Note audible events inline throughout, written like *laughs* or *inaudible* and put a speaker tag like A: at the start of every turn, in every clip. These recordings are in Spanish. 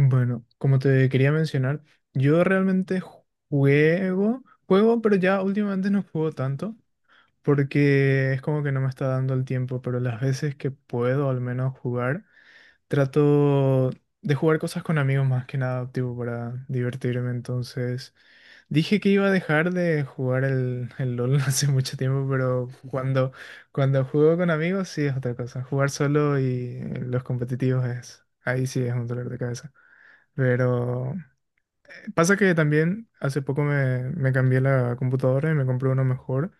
A: Bueno, como te quería mencionar, yo realmente juego, juego, pero ya últimamente no juego tanto porque es como que no me está dando el tiempo, pero las veces que puedo al menos jugar, trato de jugar cosas con amigos más que nada, tipo para divertirme. Entonces, dije que iba a dejar de jugar el LOL *laughs* hace mucho tiempo, pero cuando juego con amigos sí es otra cosa. Jugar solo y los competitivos, es, ahí sí es un dolor de cabeza. Pero pasa que también hace poco me cambié la computadora y me compré uno mejor.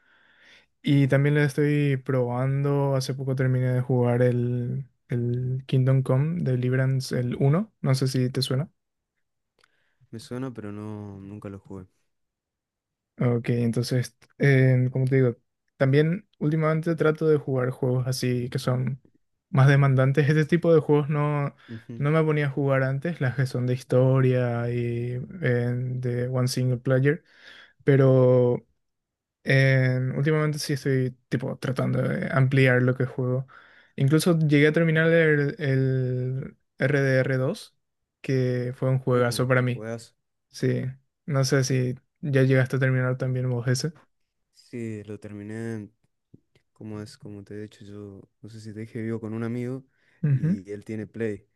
A: Y también le estoy probando. Hace poco terminé de jugar el Kingdom Come Deliverance, el uno. No sé si te suena.
B: Me suena, pero no, nunca lo jugué.
A: Ok, entonces, como te digo, también últimamente trato de jugar juegos así que son más demandantes. Este tipo de juegos no,
B: Ujú.
A: no me ponía a jugar antes, las que son de historia y de one single player. Pero últimamente sí estoy tipo tratando de ampliar lo que juego. Incluso llegué a terminar el RDR dos, que fue un juegazo para mí.
B: Juegazo.
A: Sí, no sé si ya llegaste a terminar también vos ese.
B: Sí, lo terminé, como es, como te he dicho, yo no sé si te dije, vivo con un amigo
A: Ujú.
B: y él tiene Play.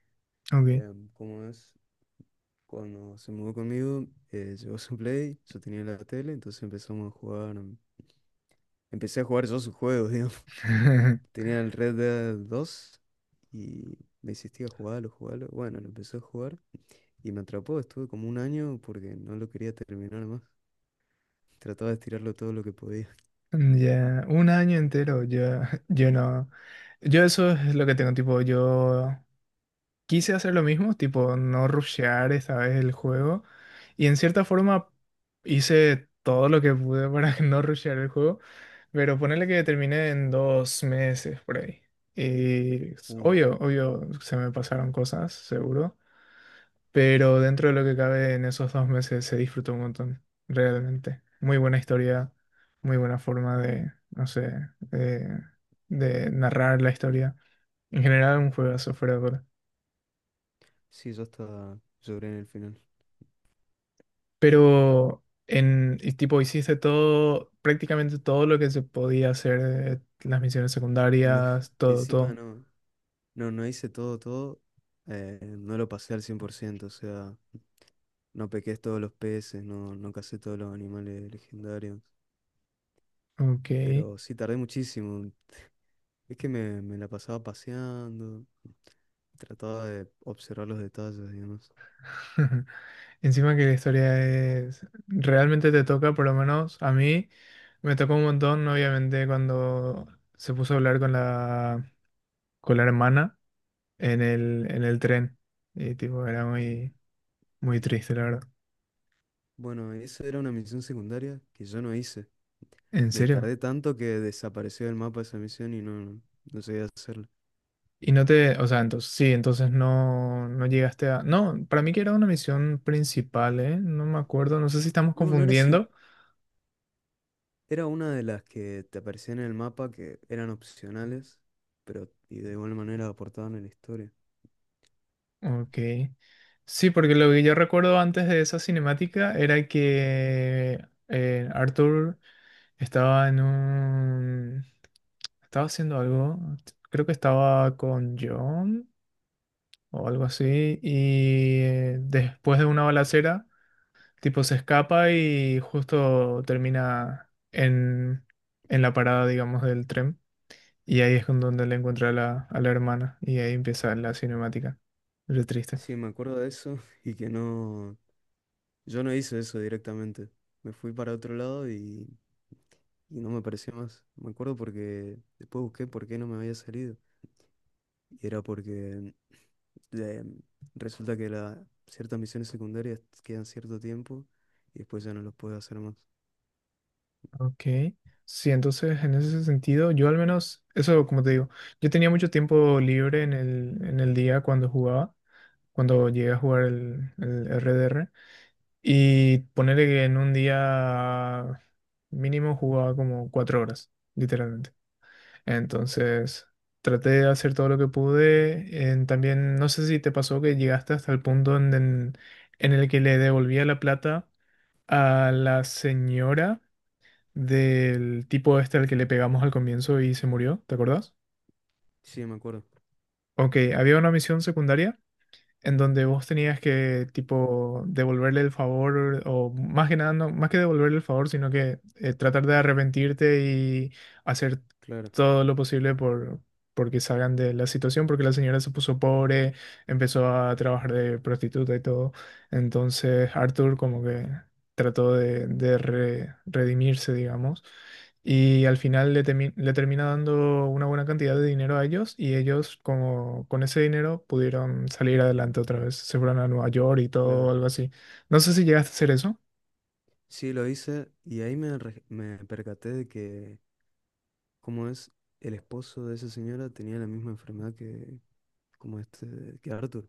A: Ok.
B: Como es, cuando se mudó conmigo, llevó su Play, yo tenía la tele, entonces empezamos a jugar. Empecé a jugar yo sus juegos, *laughs* digamos.
A: *laughs*
B: Tenía el Red Dead dos y me insistía, jugarlo, jugarlo. Bueno, lo empecé a jugar y me atrapó, estuve como un año porque no lo quería terminar más. Trataba de estirarlo todo lo que podía.
A: Ya, un año entero, yo, *laughs* yo no. Yo eso es lo que tengo, tipo, yo quise hacer lo mismo, tipo no rushear esta vez el juego. Y en cierta forma hice todo lo que pude para *laughs* no rushear el juego. Pero ponerle que terminé en 2 meses por ahí. Y
B: Uh,
A: obvio, obvio, se me pasaron cosas, seguro. Pero dentro de lo que cabe en esos 2 meses se disfrutó un montón, realmente. Muy buena historia, muy buena forma de, no sé, de, de narrar la historia. En general, un juegazo fuera de duda.
B: sí, yo hasta lloré en el final.
A: Pero en y tipo hiciste todo, prácticamente todo lo que se podía hacer, las misiones
B: No, *laughs*
A: secundarias, todo,
B: encima
A: todo.
B: no, no hice todo, todo. No lo pasé al 100%, o sea, no pequé todos los peces, no cacé todos los animales legendarios.
A: Ok.
B: Pero sí tardé muchísimo. Es que me la pasaba paseando, trataba de observar los detalles, digamos.
A: *laughs* Encima que la historia, es, realmente te toca, por lo menos a mí, me tocó un montón, obviamente, cuando se puso a hablar con la, hermana en el tren. Y tipo, era muy, muy triste, la verdad.
B: Bueno, esa era una misión secundaria que yo no hice.
A: ¿En
B: Me
A: serio?
B: tardé tanto que desapareció del mapa esa misión y no no llegué a hacerla.
A: Y no te, o sea, entonces, sí, entonces no, no llegaste a... No, para mí que era una misión principal, ¿eh? No me acuerdo, no sé si estamos
B: No, no era,
A: confundiendo.
B: *laughs* era una de las que te aparecían en el mapa que eran opcionales, pero y de igual manera aportaban a la historia.
A: Ok. Sí, porque lo que yo recuerdo antes de esa cinemática era que Arthur estaba en un... Estaba haciendo algo, creo que estaba con John o algo así, y después de una balacera... Tipo, se escapa y justo termina en la parada, digamos, del tren. Y ahí es con donde le encuentra a la hermana. Y ahí empieza la cinemática. Re triste.
B: Sí, me acuerdo de eso *laughs* y que no, yo no hice eso directamente. Me fui para otro lado y no me apareció más. Me acuerdo porque después busqué por qué no me había salido. Y era porque *sniffs* eh, resulta que ciertas misiones secundarias quedan cierto tiempo y después ya no los puedes hacer más.
A: Ok. Sí, entonces en ese sentido, yo al menos, eso como te digo, yo tenía mucho tiempo libre en el día cuando jugaba, cuando llegué a jugar el RDR. Y ponerle que en un día mínimo jugaba como 4 horas, literalmente. Entonces, traté de hacer todo lo que pude. También, no sé si te pasó que llegaste hasta el punto en el que le devolvía la plata a la señora del tipo este al que le pegamos al comienzo y se murió, ¿te acordás?
B: Sí, me acuerdo.
A: Ok, había una misión secundaria en donde vos tenías que, tipo, devolverle el favor, o más que nada, no, más que devolverle el favor, sino que tratar de arrepentirte y hacer
B: Claro,
A: todo lo posible porque salgan de la situación, porque la señora se puso pobre, empezó a trabajar de prostituta y todo. Entonces, Arthur como que trató de redimirse, digamos. Y al final le termina dando una buena cantidad de dinero a ellos y ellos como con ese dinero pudieron salir adelante otra vez. Se fueron a Nueva York y todo,
B: claro.
A: algo así. No sé si llegaste a hacer eso.
B: Sí, lo hice y ahí me percaté de que, como es, el esposo de esa señora tenía la misma enfermedad que, como este, que Arthur.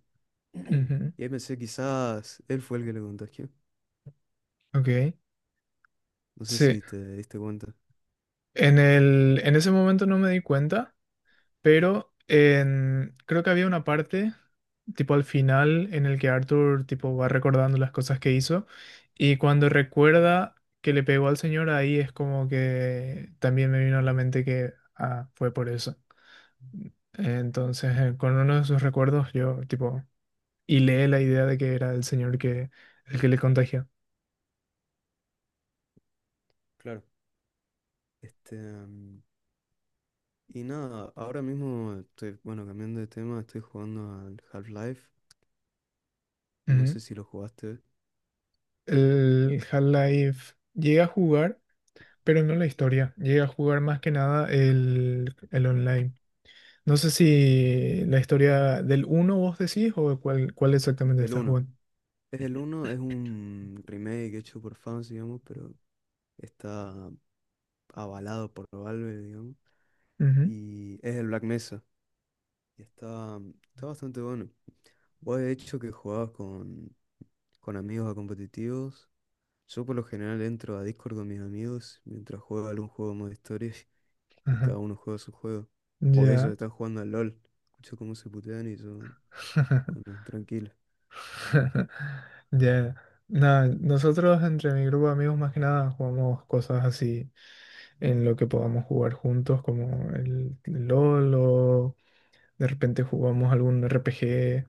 B: *clears throat*
A: Ujú.
B: Y ahí pensé, quizás él fue el que le contagió.
A: Ok.
B: No sé
A: Sí.
B: si te diste cuenta.
A: En ese momento no me di cuenta. Pero creo que había una parte, tipo al final, en el que Arthur tipo va recordando las cosas que hizo. Y cuando recuerda que le pegó al señor, ahí es como que también me vino a la mente que ah, fue por eso. Entonces, con uno de sus recuerdos, yo tipo hilé la idea de que era el señor que el que le contagió.
B: Claro. Este, mm, y nada, ahora mismo estoy, bueno, cambiando de tema, estoy jugando al Half-Life. No
A: Ujú.
B: sé si lo jugaste.
A: El Half-Life llega a jugar, pero no la historia. Llega a jugar más que nada el online. No sé si la historia del 1 vos decís o cuál exactamente
B: El
A: estás
B: uno.
A: jugando.
B: Es el uno, es un remake hecho por fans, digamos, pero está avalado por Valve, digamos.
A: Ujú.
B: Y es el Black Mesa. Y está bastante bueno. Vos de hecho que jugabas con amigos a competitivos. Yo por lo general entro a Discord con mis amigos mientras juego algún juego de modo historia *laughs* y
A: Ajá.
B: cada uno juega su juego. O ellos
A: Ya.
B: están jugando al LOL. Escucho cómo se putean y yo,
A: *laughs*
B: bueno, tranquilo.
A: Ya. Nada, nosotros entre mi grupo de amigos más que nada jugamos cosas así en lo que podamos jugar juntos, como el LOL o de repente jugamos algún RPG.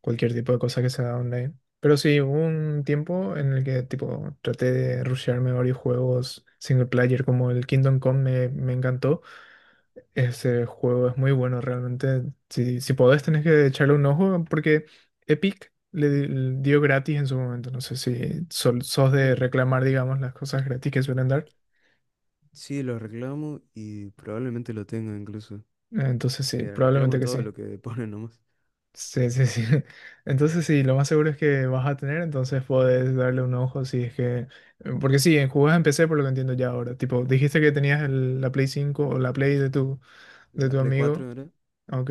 A: Cualquier tipo de cosa que sea online. Pero sí, hubo un tiempo en el que tipo traté de rushearme varios juegos single player, como el Kingdom Come me encantó. Ese juego es muy bueno realmente. Si podés tenés que echarle un ojo porque Epic le dio gratis en su momento. No sé si sos de
B: Uh,
A: reclamar, digamos, las cosas gratis que suelen dar.
B: sí, lo reclamo y probablemente lo tenga incluso.
A: Entonces sí,
B: Que
A: probablemente
B: reclamo
A: que sí.
B: todo lo que *laughs* ponen nomás.
A: Sí, sí, sí. *laughs* Entonces sí, lo más seguro es que vas a tener, entonces puedes darle un ojo si es que... Porque sí, en jugás en PC por lo que entiendo ya ahora. Tipo, dijiste que tenías la Play 5 o la Play de tu, de
B: La
A: tu
B: Play
A: amigo.
B: 4 era.
A: Ok.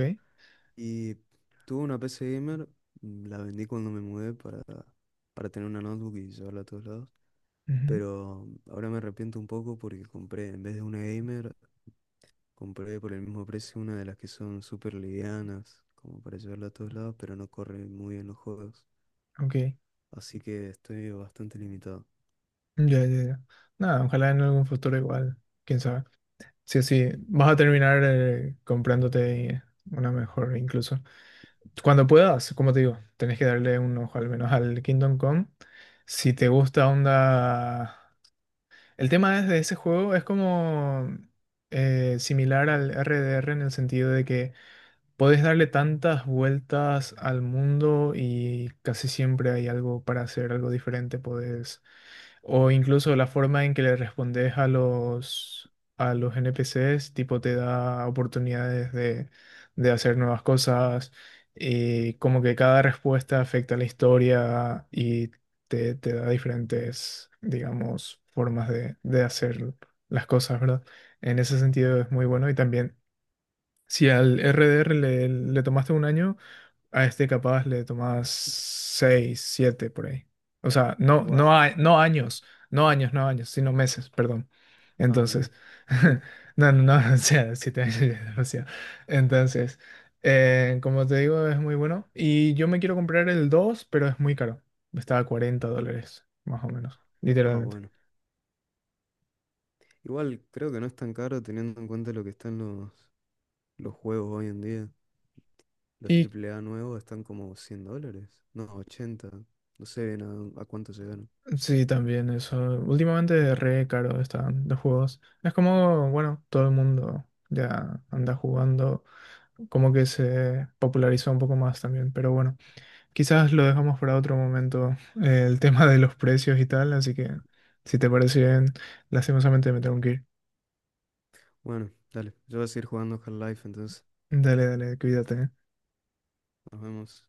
B: Y tuve una PC gamer, mm, la vendí cuando me mudé para tener una notebook y llevarla a todos lados.
A: Ujú.
B: Pero mm, ahora me arrepiento un poco porque compré, en vez de una gamer, compré por el mismo precio una de las que son súper livianas, como para llevarla a todos lados, pero no corre muy bien los juegos.
A: Ok.
B: Así que estoy bastante limitado.
A: Ya, ya, ya. Nada, ojalá en algún futuro igual. Quién sabe. Sí, sí, vas a terminar comprándote una mejor incluso. Cuando puedas, como te digo, tenés que darle un ojo al menos al Kingdom Come. Si te gusta onda... El tema es de ese juego es como similar al RDR en el sentido de que podés darle tantas vueltas al mundo y casi siempre hay algo para hacer, algo diferente. Podés o incluso la forma en que le respondes a los NPCs, tipo te da oportunidades de hacer nuevas cosas, y como que cada respuesta afecta a la historia y te da diferentes, digamos, formas de hacer las cosas, ¿verdad? En ese sentido es muy bueno y también si al RDR le tomaste un año, a este capaz le tomas seis, siete por ahí. O sea, no, no,
B: Wow.
A: no años, no años, no años, sino meses, perdón.
B: Ah, ok.
A: Entonces, *laughs*
B: *laughs*
A: no, no, no, *laughs* o sea, 7 años ya es demasiado. Entonces, como te digo, es muy bueno. Y yo me quiero comprar el 2 pero es muy caro. Está a $40, más o menos,
B: Ah,
A: literalmente.
B: bueno. Igual creo que no es tan caro teniendo en cuenta lo que están los juegos hoy en día. Los
A: Y
B: triple A nuevos están como $100. No, 80. No sé bien a cuánto se ganan.
A: sí, también eso. Últimamente re caro están los juegos. Es como, bueno, todo el mundo ya anda jugando, como que se popularizó un poco más también. Pero bueno, quizás lo dejamos para otro momento, el tema de los precios y tal. Así que, si te parece bien, lastimosamente me tengo que ir.
B: Bueno, dale. Yo voy a seguir jugando Half-Life, entonces
A: Dale, dale, cuídate. ¿Eh?
B: nos vemos.